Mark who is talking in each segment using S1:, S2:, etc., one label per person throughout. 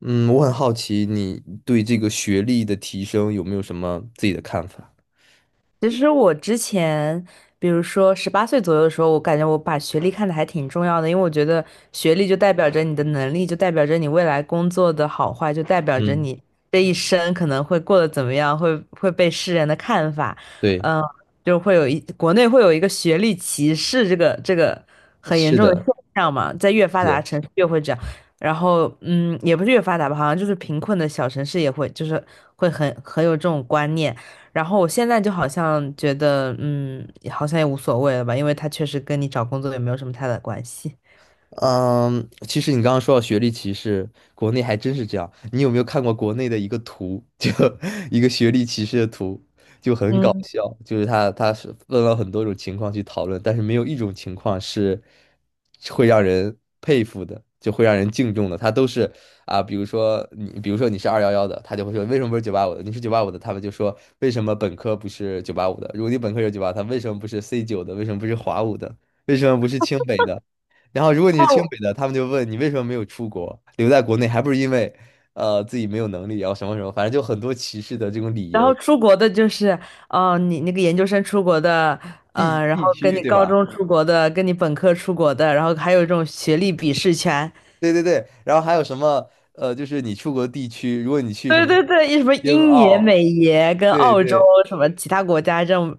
S1: 嗯，我很好奇你对这个学历的提升有没有什么自己的看法？
S2: 其实我之前，比如说十八岁左右的时候，我感觉我把学历看得还挺重要的，因为我觉得学历就代表着你的能力，就代表着你未来工作的好坏，就代表着
S1: 嗯，
S2: 你这一生可能会过得怎么样，会被世人的看法，
S1: 对，
S2: 嗯，就会有一国内会有一个学历歧视这个很严
S1: 是
S2: 重的
S1: 的，
S2: 现象嘛，在越发
S1: 是
S2: 达
S1: 的。
S2: 城市越会这样，然后也不是越发达吧，好像就是贫困的小城市也会，就是会很有这种观念。然后我现在就好像觉得，好像也无所谓了吧，因为他确实跟你找工作也没有什么太大的关系。
S1: 嗯，其实你刚刚说到学历歧视，国内还真是这样。你有没有看过国内的一个图，就一个学历歧视的图，就很搞
S2: 嗯，
S1: 笑。就是他是问了很多种情况去讨论，但是没有一种情况是会让人佩服的，就会让人敬重的。他都是啊，比如说你是211的，他就会说为什么不是九八五的？你是九八五的，他们就说为什么本科不是九八五的？如果你本科是九八，他为什么不是 C9的？为什么不是华五的？为什么不是清北的？然后如果你是清北的，他们就问你为什么没有出国，留在国内，还不是因为自己没有能力，然后什么什么，反正就很多歧视的这种理
S2: 然
S1: 由，
S2: 后出国的就是，哦、你那个研究生出国的，
S1: 地
S2: 然后
S1: 地
S2: 跟
S1: 区
S2: 你
S1: 对
S2: 高
S1: 吧？
S2: 中出国的，跟你本科出国的，然后还有这种学历鄙视权。
S1: 对对对，然后还有什么就是你出国地区，如果你去什
S2: 对
S1: 么
S2: 对对，一什么
S1: 英
S2: 英爷、
S1: 澳，
S2: 美爷跟
S1: 对
S2: 澳洲
S1: 对，
S2: 什么其他国家这种，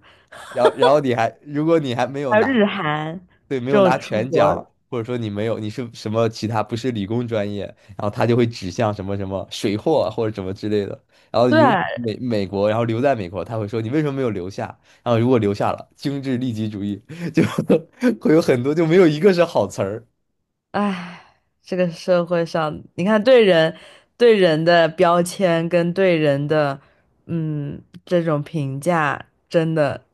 S1: 然后如果你还没有
S2: 还有
S1: 拿。
S2: 日韩
S1: 对，没
S2: 这
S1: 有拿
S2: 种出
S1: 全
S2: 国，
S1: 奖，或者说你没有，你是什么其他不是理工专业，然后他就会指向什么什么水货啊或者什么之类的。然后如
S2: 对，
S1: 美美国，然后留在美国，他会说你为什么没有留下？然后如果留下了，精致利己主义 就会有很多就没有一个是好词儿。
S2: 唉，这个社会上，你看对人的标签跟对人的嗯这种评价，真的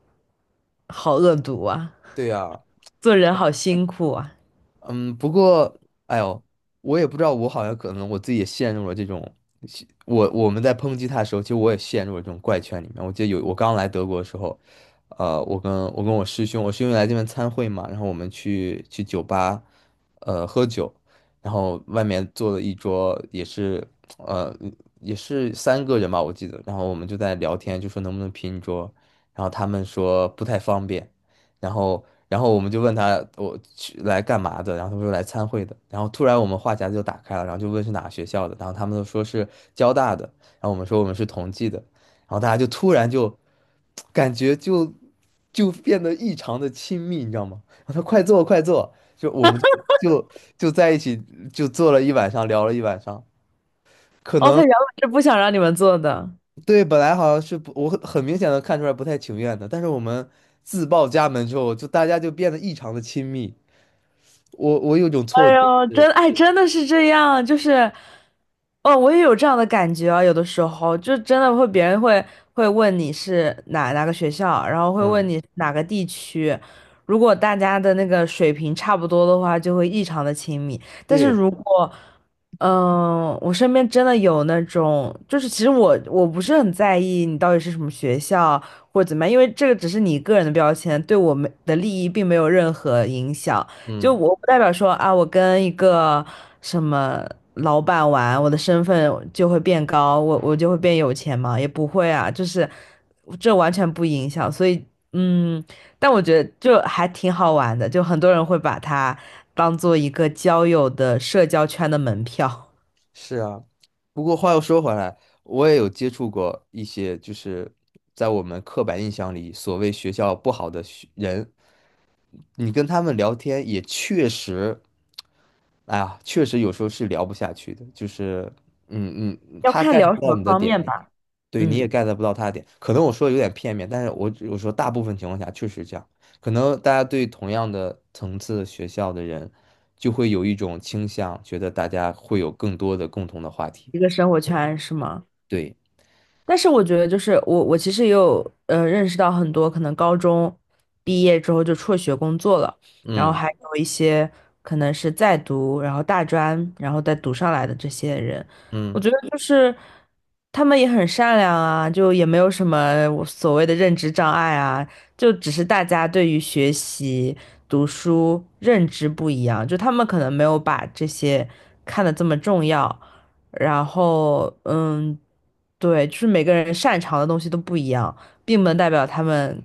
S2: 好恶毒啊！
S1: 对呀，
S2: 做人好辛苦啊！
S1: 嗯，不过，哎呦，我也不知道，我好像可能我自己也陷入了这种，我们在抨击他的时候，其实我也陷入了这种怪圈里面。我记得有我刚来德国的时候，我跟我师兄，我师兄来这边参会嘛，然后我们去酒吧，喝酒，然后外面坐了一桌，呃也是三个人吧，我记得，然后我们就在聊天，就说能不能拼一桌，然后他们说不太方便。然后我们就问他我去来干嘛的，然后他说来参会的，然后突然我们话匣子就打开了，然后就问是哪个学校的，然后他们都说是交大的，然后我们说我们是同济的，然后大家就突然就感觉就变得异常的亲密，你知道吗？然后他快坐快坐，就我们就就在一起就坐了一晚上，聊了一晚上，可
S2: 哦，他
S1: 能。
S2: 原本是不想让你们做的。
S1: 对，本来好像是不，我很明显的看出来不太情愿的，但是我们自报家门之后，就大家就变得异常的亲密。我有种错
S2: 哎
S1: 觉
S2: 呦，
S1: 是，
S2: 真哎，真的是这样，就是，哦，我也有这样的感觉啊，有的时候就真的会，别人会会问你是哪个学校，然后会问
S1: 嗯，
S2: 你哪个地区，如果大家的那个水平差不多的话，就会异常的亲密。但是
S1: 对，
S2: 如果，嗯、我身边真的有那种，就是其实我不是很在意你到底是什么学校或者怎么样，因为这个只是你个人的标签，对我们的利益并没有任何影响。就
S1: 嗯，
S2: 我不代表说啊，我跟一个什么老板玩，我的身份就会变高，我就会变有钱嘛，也不会啊，就是这完全不影响。所以，嗯，但我觉得就还挺好玩的，就很多人会把它当做一个交友的社交圈的门票，
S1: 是啊。不过话又说回来，我也有接触过一些，就是在我们刻板印象里所谓学校不好的学人，你跟他们聊天也确实，哎呀，确实有时候是聊不下去的，就是，
S2: 要
S1: 他
S2: 看
S1: get
S2: 聊
S1: 不
S2: 什
S1: 到
S2: 么
S1: 你的
S2: 方
S1: 点，
S2: 面吧。
S1: 对，你也
S2: 嗯，
S1: get 不到他的点，可能我说的有点片面，但是我说大部分情况下确实这样，可能大家对同样的层次学校的人，就会有一种倾向，觉得大家会有更多的共同的话题。
S2: 一个生活圈是吗？
S1: 对，
S2: 但是我觉得，就是我其实也有认识到很多可能高中毕业之后就辍学工作了，然后
S1: 嗯
S2: 还有一些可能是在读，然后大专，然后再读上来的这些人，我
S1: 嗯
S2: 觉得就是他们也很善良啊，就也没有什么我所谓的认知障碍啊，就只是大家对于学习、读书认知不一样，就他们可能没有把这些看得这么重要。然后，嗯。对，就是每个人擅长的东西都不一样，并不能代表他们，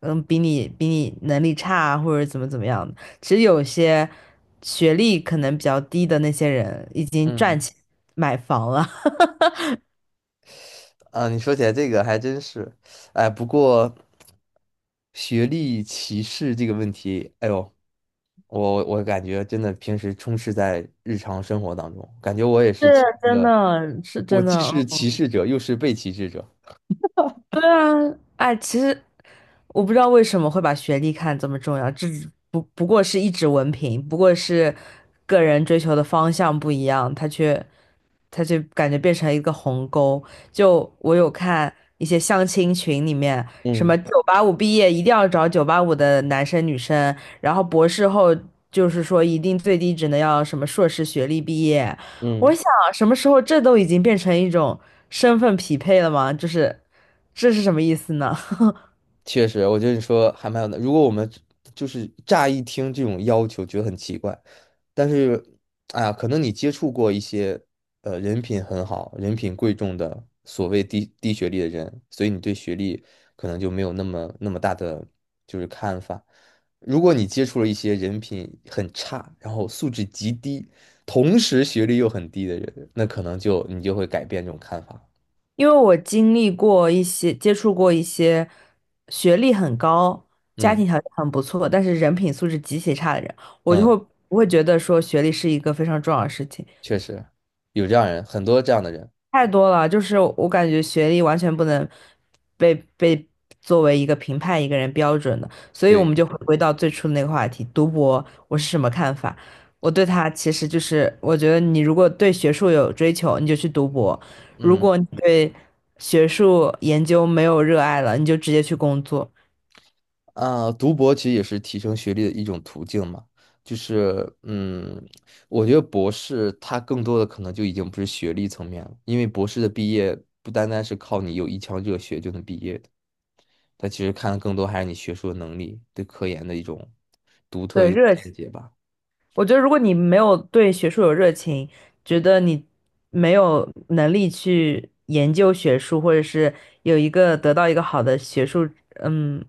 S2: 嗯，比你能力差啊或者怎么样的。其实有些学历可能比较低的那些人，已经赚
S1: 嗯，
S2: 钱买房了，
S1: 啊，你说起来这个还真是，哎，不过学历歧视这个问题，哎呦，我感觉真的平时充斥在日常生活当中，感觉我也 是其
S2: 是
S1: 中
S2: 真
S1: 的，
S2: 的，是
S1: 我
S2: 真
S1: 既是
S2: 的。
S1: 歧视者，又是被歧视者。
S2: 对啊，哎，其实。我不知道为什么会把学历看这么重要，这只不过是一纸文凭，不过是个人追求的方向不一样，他就感觉变成一个鸿沟。就我有看一些相亲群里面，什么
S1: 嗯
S2: 九八五毕业一定要找九八五的男生女生，然后博士后就是说一定最低只能要什么硕士学历毕业。我
S1: 嗯，
S2: 想什么时候这都已经变成一种身份匹配了吗？就是这是什么意思呢？
S1: 确实，我觉得你说还蛮有的。如果我们就是乍一听这种要求，觉得很奇怪，但是，哎呀，可能你接触过一些人品很好、人品贵重的所谓低学历的人，所以你对学历可能就没有那么那么大的就是看法。如果你接触了一些人品很差，然后素质极低，同时学历又很低的人，那可能就你就会改变这种看法。
S2: 因为我经历过一些，接触过一些学历很高、家
S1: 嗯。
S2: 庭条件很不错，但是人品素质极其差的人，我就
S1: 嗯。
S2: 会不会觉得说学历是一个非常重要的事情。
S1: 确实有这样人，很多这样的人。
S2: 太多了，就是我感觉学历完全不能被作为一个评判一个人标准的，所以我们
S1: 对，
S2: 就回归到最初的那个话题，读博我是什么看法？我对它其实就是，我觉得你如果对学术有追求，你就去读博；如
S1: 嗯
S2: 果你对学术研究没有热爱了，你就直接去工作。
S1: 啊，读博其实也是提升学历的一种途径嘛。就是嗯，我觉得博士他更多的可能就已经不是学历层面了，因为博士的毕业不单单是靠你有一腔热血就能毕业的，他其实看的更多还是你学术的能力，对科研的一种独特
S2: 对，
S1: 的
S2: 热
S1: 见解吧。
S2: 我觉得如果你没有对学术有热情，觉得你没有能力去研究学术，或者是有一个得到一个好的学术，嗯，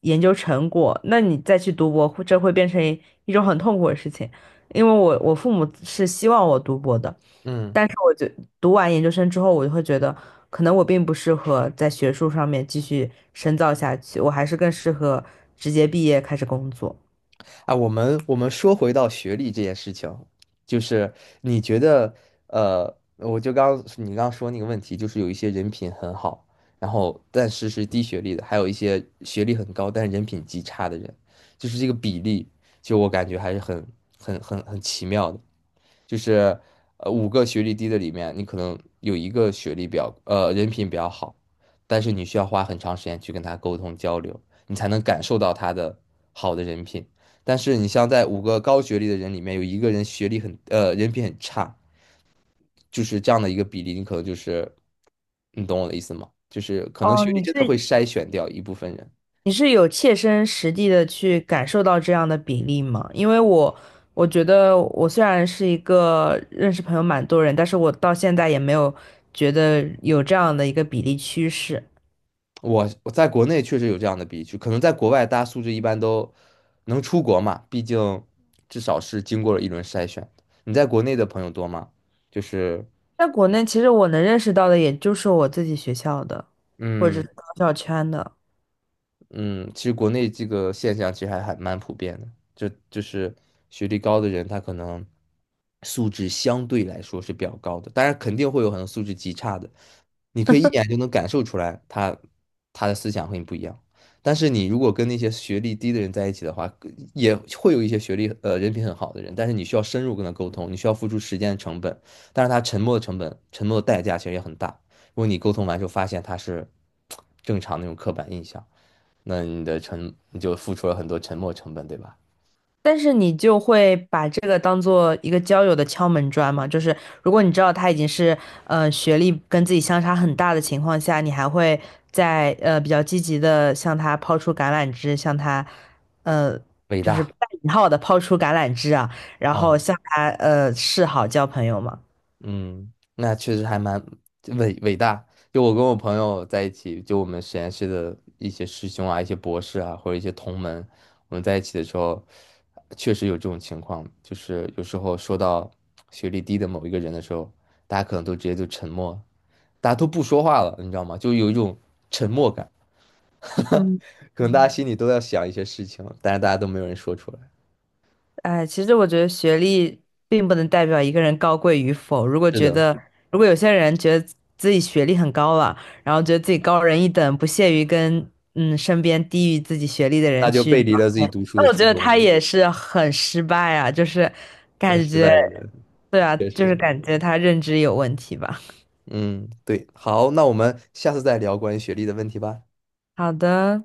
S2: 研究成果，那你再去读博，会变成一种很痛苦的事情。因为我父母是希望我读博的，
S1: 嗯。
S2: 但是我就读完研究生之后，我就会觉得，可能我并不适合在学术上面继续深造下去，我还是更适合直接毕业开始工作。
S1: 啊，我们说回到学历这件事情，就是你觉得，我就刚你刚刚说那个问题，就是有一些人品很好，然后但是是低学历的，还有一些学历很高但是人品极差的人，就是这个比例，就我感觉还是很奇妙的，就是五个学历低的里面，你可能有一个学历比较人品比较好，但是你需要花很长时间去跟他沟通交流，你才能感受到他的好的人品。但是你像在五个高学历的人里面，有一个人学历很人品很差，就是这样的一个比例，你可能就是你懂我的意思吗？就是可能
S2: 哦，
S1: 学历
S2: 你
S1: 真的
S2: 是
S1: 会筛选掉一部分人。
S2: 你是有切身实地的去感受到这样的比例吗？因为我觉得我虽然是一个认识朋友蛮多人，但是我到现在也没有觉得有这样的一个比例趋势。
S1: 我在国内确实有这样的比例，就可能在国外大家素质一般都能出国嘛，毕竟至少是经过了一轮筛选。你在国内的朋友多吗？就是
S2: 在国内，其实我能认识到的也就是我自己学校的，或者
S1: 嗯，
S2: 是高校圈的。
S1: 嗯，其实国内这个现象其实还蛮普遍的，就是学历高的人，他可能素质相对来说是比较高的，当然肯定会有很多素质极差的，你可以一眼就能感受出来他的思想和你不一样。但是你如果跟那些学历低的人在一起的话，也会有一些学历人品很好的人，但是你需要深入跟他沟通，你需要付出时间的成本，但是他沉默的成本、沉默的代价其实也很大。如果你沟通完之后发现他是正常那种刻板印象。那你的沉你就付出了很多沉没成本，对吧？
S2: 但是你就会把这个当做一个交友的敲门砖嘛，就是如果你知道他已经是学历跟自己相差很大的情况下，你还会在比较积极的向他抛出橄榄枝，向他呃
S1: 伟
S2: 就是
S1: 大，
S2: 带引号的抛出橄榄枝啊，然后
S1: 嗯
S2: 向他示好交朋友嘛。
S1: 嗯，那确实还蛮伟大。就我跟我朋友在一起，就我们实验室的一些师兄啊、一些博士啊，或者一些同门，我们在一起的时候，确实有这种情况，就是有时候说到学历低的某一个人的时候，大家可能都直接就沉默，大家都不说话了，你知道吗？就有一种沉默感，
S2: 嗯。
S1: 可能大家心里都要想一些事情，但是大家都没有人说出来。
S2: 哎，其实我觉得学历并不能代表一个人高贵与否。如果
S1: 是
S2: 觉
S1: 的。
S2: 得，如果有些人觉得自己学历很高了，然后觉得自己高人一等，不屑于跟嗯身边低于自己学历的
S1: 他
S2: 人
S1: 就
S2: 去
S1: 背
S2: 聊
S1: 离了自己读书的
S2: 那我觉
S1: 初
S2: 得
S1: 衷
S2: 他
S1: 了。
S2: 也是很失败啊，就是感
S1: 失
S2: 觉，
S1: 败的人，
S2: 对啊，
S1: 确
S2: 就是
S1: 实，
S2: 感觉他认知有问题吧。
S1: 嗯，对，好，那我们下次再聊关于学历的问题吧。
S2: 好的。